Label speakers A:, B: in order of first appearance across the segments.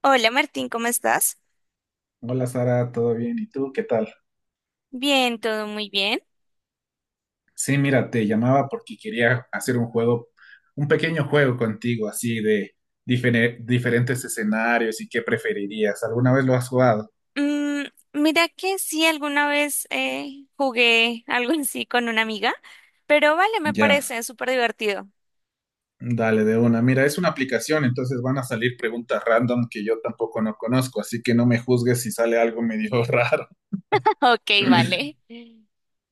A: Hola Martín, ¿cómo estás?
B: Hola Sara, ¿todo bien? ¿Y tú qué tal?
A: Bien, todo muy bien.
B: Sí, mira, te llamaba porque quería hacer un juego, un pequeño juego contigo, así de diferentes escenarios y qué preferirías. ¿Alguna vez lo has jugado?
A: Mm, Mira que sí, alguna vez jugué algo así con una amiga, pero vale, me
B: Ya,
A: parece súper divertido.
B: dale de una. Mira, es una aplicación, entonces van a salir preguntas random que yo tampoco no conozco, así que no me juzgues si sale algo medio raro.
A: Ok, vale.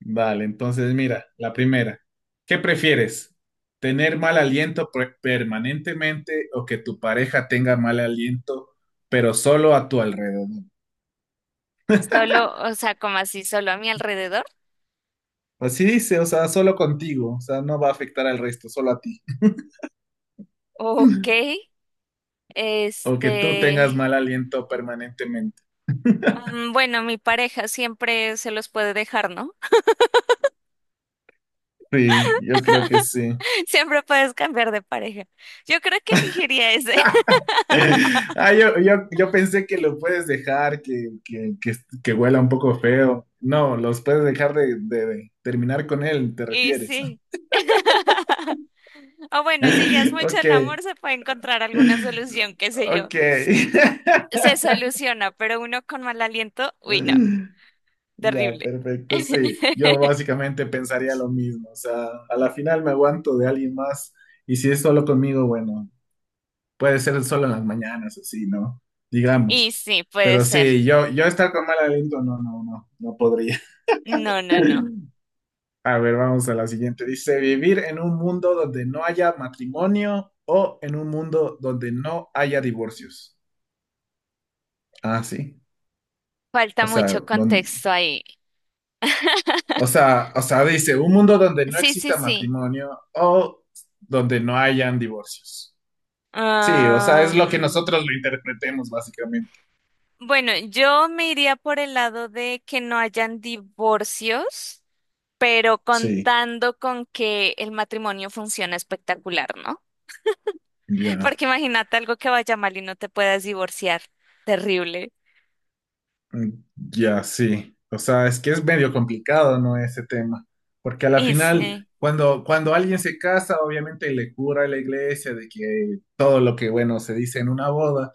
B: Vale, entonces mira, la primera. ¿Qué prefieres? ¿Tener mal aliento permanentemente o que tu pareja tenga mal aliento, pero solo a tu alrededor?
A: Solo, o sea, como así, solo a mi alrededor.
B: Así dice, o sea, solo contigo, o sea, no va a afectar al resto, solo a ti.
A: Ok,
B: O que tú tengas
A: este...
B: mal aliento permanentemente.
A: Bueno, mi pareja siempre se los puede dejar, ¿no?
B: Sí, yo creo que sí.
A: Siempre puedes cambiar de pareja. Yo creo que elegiría ese.
B: Ah, yo pensé que lo puedes dejar, que huela un poco feo. No, los puedes dejar de terminar con él, ¿te
A: Y
B: refieres?
A: sí. O bueno, si ya es mucho
B: Ok,
A: el amor, se puede encontrar alguna solución, qué sé yo.
B: ok.
A: Se soluciona, pero uno con mal aliento, uy, no,
B: Ya,
A: terrible.
B: perfecto, sí. Yo básicamente pensaría lo mismo. O sea, a la final me aguanto de alguien más y si es solo conmigo, bueno, puede ser solo en las mañanas, así, ¿no?
A: Y
B: Digamos.
A: sí, puede
B: Pero
A: ser.
B: sí, yo estar con mal aliento, no, no, no, no podría.
A: No, no, no.
B: A ver, vamos a la siguiente. Dice, vivir en un mundo donde no haya matrimonio o en un mundo donde no haya divorcios. Ah, sí.
A: Falta
B: O sea,
A: mucho
B: don-
A: contexto ahí.
B: O sea, dice, un mundo donde no
A: Sí, sí,
B: exista
A: sí.
B: matrimonio o donde no hayan divorcios. Sí, o sea, es lo que
A: Am,
B: nosotros lo interpretemos básicamente.
A: bueno, yo me iría por el lado de que no hayan divorcios, pero
B: Sí,
A: contando con que el matrimonio funciona espectacular, ¿no?
B: ya.
A: Porque imagínate algo que vaya mal y no te puedas divorciar. Terrible.
B: Ya, sí. O sea, es que es medio complicado, ¿no? Ese tema. Porque a la
A: Y
B: final,
A: sí,
B: cuando alguien se casa, obviamente le cura a la iglesia de que todo lo que, bueno, se dice en una boda.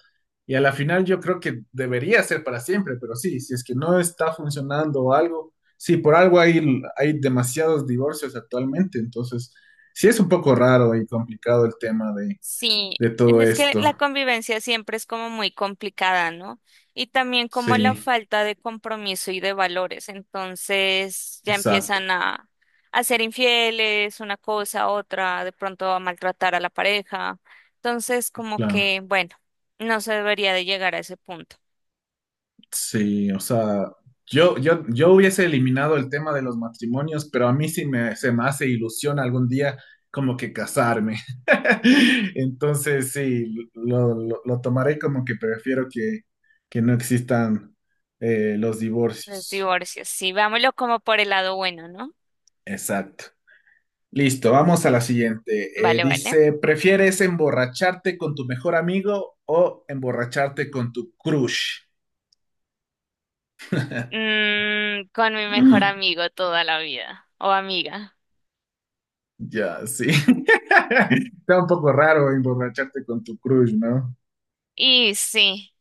B: Y a la final yo creo que debería ser para siempre, pero sí, si es que no está funcionando o algo, sí, por algo hay, hay demasiados divorcios actualmente. Entonces, sí es un poco raro y complicado el tema
A: sí,
B: de todo
A: es que
B: esto.
A: la convivencia siempre es como muy complicada, ¿no? Y también como la
B: Sí,
A: falta de compromiso y de valores. Entonces ya
B: exacto,
A: empiezan a, a ser infieles, una cosa, otra, de pronto a maltratar a la pareja. Entonces, como
B: claro.
A: que, bueno, no se debería de llegar a ese punto.
B: Sí, o sea, yo hubiese eliminado el tema de los matrimonios, pero a mí sí me, se me hace ilusión algún día como que casarme. Entonces, sí, lo tomaré como que prefiero que no existan los
A: Los
B: divorcios.
A: divorcios, sí, vámonos como por el lado bueno, ¿no?
B: Exacto. Listo, vamos a la siguiente.
A: Vale, vale.
B: Dice, ¿prefieres emborracharte con tu mejor amigo o emborracharte con tu crush?
A: Con mi mejor amigo toda la vida o amiga.
B: Ya, sí. Está un poco raro emborracharte con tu crush, ¿no?
A: Y sí,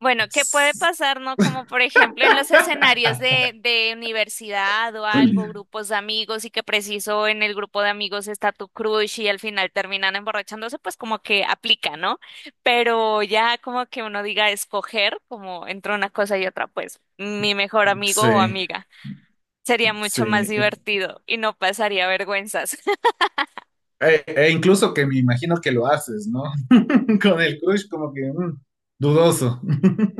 A: bueno, ¿qué puede pasar, no? Como por ejemplo en los escenarios de universidad o algo, grupos de amigos y que preciso en el grupo de amigos está tu crush y al final terminan emborrachándose, pues como que aplica, ¿no? Pero ya como que uno diga escoger, como entre una cosa y otra, pues mi mejor amigo o
B: Sí,
A: amiga. Sería
B: sí.
A: mucho más
B: E,
A: divertido y no pasaría vergüenzas.
B: e incluso que me imagino que lo haces, ¿no? Con el crush como que mm, dudoso.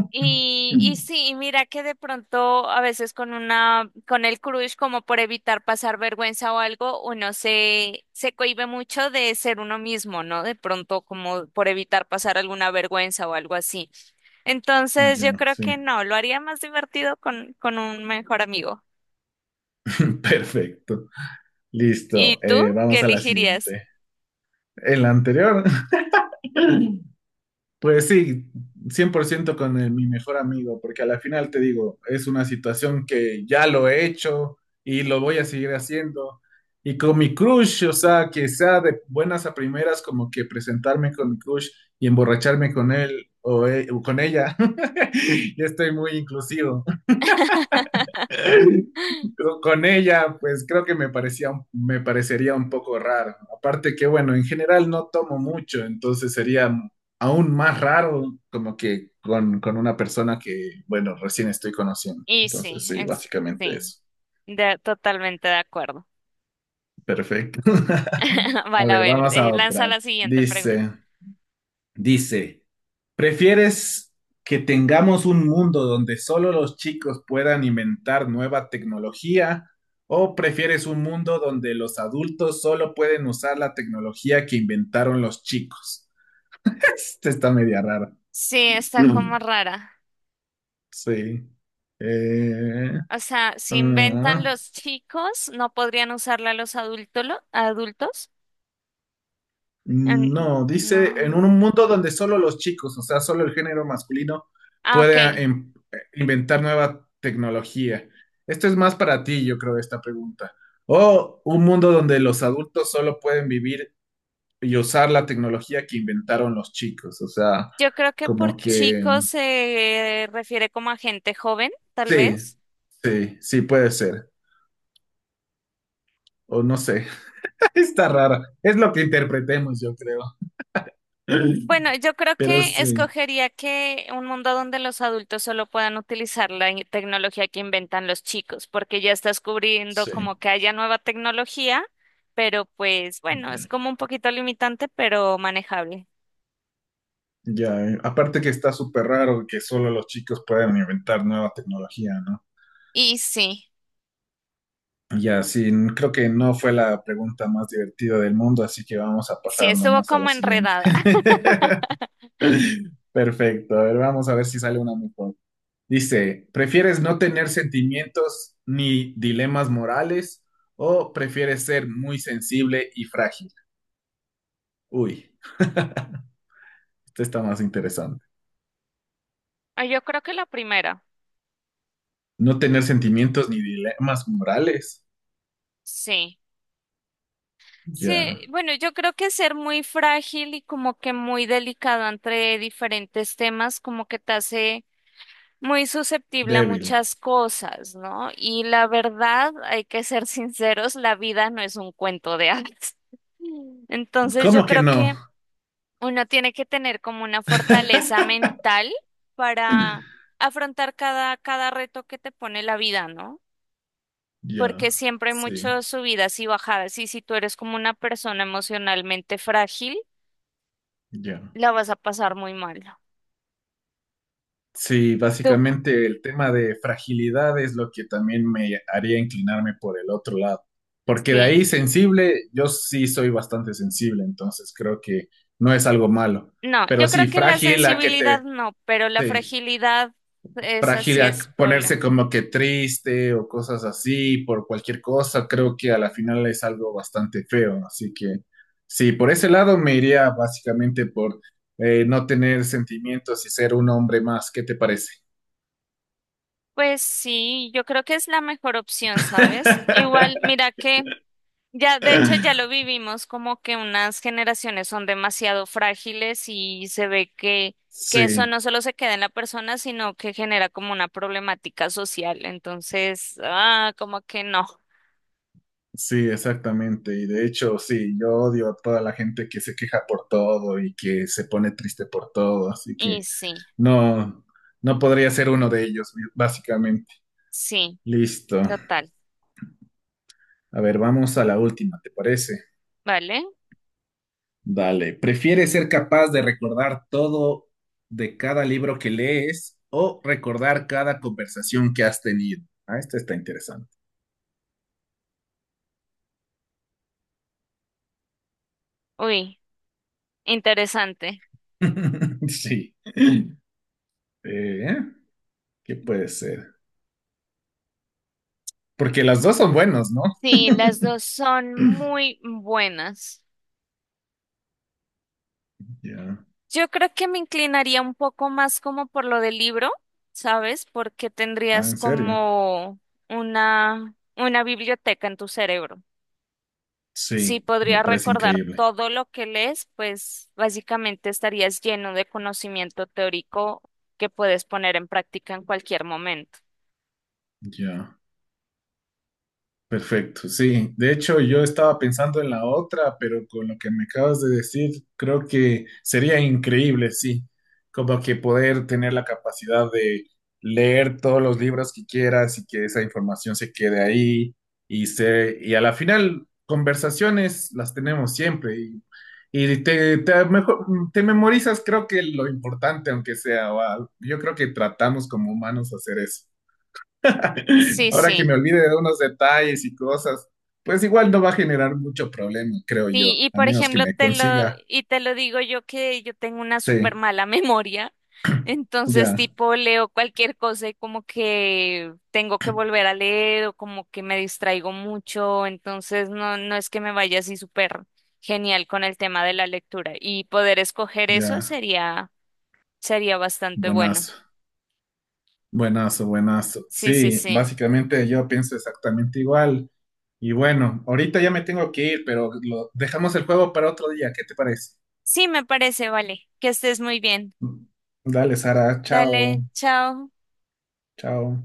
A: Y sí, y mira que de pronto a veces con una, con el crush, como por evitar pasar vergüenza o algo, uno se cohíbe mucho de ser uno mismo, ¿no? De pronto como por evitar pasar alguna vergüenza o algo así. Entonces yo
B: Ya,
A: creo
B: sí.
A: que no, lo haría más divertido con un mejor amigo.
B: Perfecto.
A: ¿Y
B: Listo.
A: tú qué
B: Vamos a la
A: elegirías?
B: siguiente. En la anterior pues sí, 100% con mi mejor amigo, porque a la final te digo, es una situación que ya lo he hecho y lo voy a seguir haciendo. Y con mi crush, o sea, que sea de buenas a primeras, como que presentarme con mi crush y emborracharme con él o con ella. Ya estoy muy inclusivo. con ella, pues creo que me parecería un poco raro. Aparte que, bueno, en general no tomo mucho, entonces sería aún más raro como que con una persona que, bueno, recién estoy conociendo.
A: Y
B: Entonces,
A: sí,
B: sí,
A: es-
B: básicamente
A: sí,
B: eso.
A: totalmente de acuerdo.
B: Perfecto. A
A: Vale, a
B: ver,
A: ver,
B: vamos a
A: lanza
B: otra.
A: la siguiente pregunta.
B: Dice, ¿prefieres que tengamos un mundo donde solo los chicos puedan inventar nueva tecnología o prefieres un mundo donde los adultos solo pueden usar la tecnología que inventaron los chicos? Esta está media rara.
A: Sí, está
B: Mm.
A: como rara.
B: Sí. Eh,
A: O sea, si inventan
B: ah.
A: los chicos, no podrían usarla los adultos, adultos. En-
B: No, dice en
A: No.
B: un mundo donde solo los chicos, o sea, solo el género masculino,
A: Ah,
B: puede
A: ok.
B: inventar nueva tecnología. Esto es más para ti, yo creo, esta pregunta. O un mundo donde los adultos solo pueden vivir y usar la tecnología que inventaron los chicos. O sea,
A: Yo creo que por
B: como que
A: chicos se refiere como a gente joven, tal
B: sí,
A: vez.
B: sí puede ser. O no sé, está rara. Es lo que interpretemos, yo creo.
A: Bueno, yo creo
B: Pero
A: que
B: sí,
A: escogería que un mundo donde los adultos solo puedan utilizar la tecnología que inventan los chicos, porque ya estás cubriendo
B: sí.
A: como que haya nueva tecnología, pero pues bueno, es
B: Ya.
A: como un poquito limitante, pero manejable.
B: Ya, aparte que está súper raro que solo los chicos puedan inventar nueva tecnología, ¿no?
A: Y sí,
B: Ya, sí, creo que no fue la pregunta más divertida del mundo, así que vamos a
A: sí
B: pasar
A: estuvo
B: nomás a la
A: como
B: siguiente.
A: enredada.
B: Perfecto, a ver, vamos a ver si sale una mejor. Dice, ¿prefieres no tener sentimientos ni dilemas morales o prefieres ser muy sensible y frágil? Uy, esto está más interesante.
A: Ah, yo creo que la primera,
B: No tener sentimientos ni dilemas morales.
A: sí. Sí,
B: Ya,
A: bueno, yo creo que ser muy frágil y como que muy delicado entre diferentes temas, como que te hace muy susceptible a
B: débil.
A: muchas cosas, ¿no? Y la verdad, hay que ser sinceros, la vida no es un cuento de hadas. Entonces, yo
B: ¿Cómo que
A: creo
B: no?
A: que uno tiene que tener como una fortaleza mental para afrontar cada reto que te pone la vida, ¿no? Porque
B: Ya,
A: siempre hay
B: sí,
A: muchas subidas y bajadas y si tú eres como una persona emocionalmente frágil,
B: ya.
A: la vas a pasar muy mal.
B: Sí,
A: Tú,
B: básicamente el tema de fragilidad es lo que también me haría inclinarme por el otro lado. Porque de
A: sí.
B: ahí sensible, yo sí soy bastante sensible, entonces creo que no es algo malo.
A: No,
B: Pero
A: yo creo
B: sí,
A: que la
B: frágil a que
A: sensibilidad
B: te...
A: no, pero la
B: Sí.
A: fragilidad esa
B: Frágil
A: sí
B: a
A: es
B: ponerse
A: problema.
B: como que triste o cosas así por cualquier cosa, creo que a la final es algo bastante feo. Así que sí, por ese lado me iría básicamente por no tener sentimientos y ser un hombre más. ¿Qué te parece?
A: Pues sí, yo creo que es la mejor opción, ¿sabes? Igual, mira que ya, de hecho, ya lo vivimos como que unas generaciones son demasiado frágiles y se ve que eso
B: Sí,
A: no solo se queda en la persona, sino que genera como una problemática social. Entonces, ah, como que no.
B: sí, exactamente. Y de hecho, sí, yo odio a toda la gente que se queja por todo y que se pone triste por todo. Así
A: Y
B: que
A: sí,
B: no, no podría ser uno de ellos, básicamente.
A: sí,
B: Listo.
A: total.
B: A ver, vamos a la última, ¿te parece?
A: ¿Vale?
B: Dale. ¿Prefieres ser capaz de recordar todo de cada libro que lees o recordar cada conversación que has tenido? Ah, esta está interesante.
A: Uy, interesante.
B: Sí. Eh, ¿Qué puede ser? Porque las dos son buenos, ¿no?
A: Sí, las dos son muy buenas.
B: Ya.
A: Yo creo que me inclinaría un poco más como por lo del libro, ¿sabes? Porque
B: Ah,
A: tendrías
B: ¿en serio?
A: como una biblioteca en tu cerebro. Si
B: Sí, me
A: podrías
B: parece
A: recordar
B: increíble.
A: todo lo que lees, pues básicamente estarías lleno de conocimiento teórico que puedes poner en práctica en cualquier momento.
B: Ya. Perfecto, sí. De hecho, yo estaba pensando en la otra, pero con lo que me acabas de decir, creo que sería increíble, sí. Como que poder tener la capacidad de leer todos los libros que quieras y que esa información se quede ahí y a la final, conversaciones las tenemos siempre y te, te, mejor- te memorizas, creo que lo importante, aunque sea, yo creo que tratamos como humanos hacer eso.
A: Sí,
B: Ahora que me
A: sí.
B: olvide de unos detalles y cosas, pues igual no va a generar mucho problema, creo
A: Sí,
B: yo,
A: y
B: a
A: por
B: menos que
A: ejemplo,
B: me consiga.
A: y te lo digo yo que yo tengo una súper
B: Sí,
A: mala memoria, entonces
B: ya,
A: tipo leo cualquier cosa y como que tengo que volver a leer o como que me distraigo mucho, entonces no, no es que me vaya así súper genial con el tema de la lectura y poder escoger eso
B: ya.
A: sería, sería bastante bueno.
B: Buenazo, buenazo, buenazo.
A: Sí, sí,
B: Sí,
A: sí.
B: básicamente yo pienso exactamente igual. Y bueno, ahorita ya me tengo que ir, pero dejamos el juego para otro día. ¿Qué te parece?
A: Sí, me parece, vale. Que estés muy bien.
B: Dale, Sara, chao,
A: Dale, chao.
B: chao.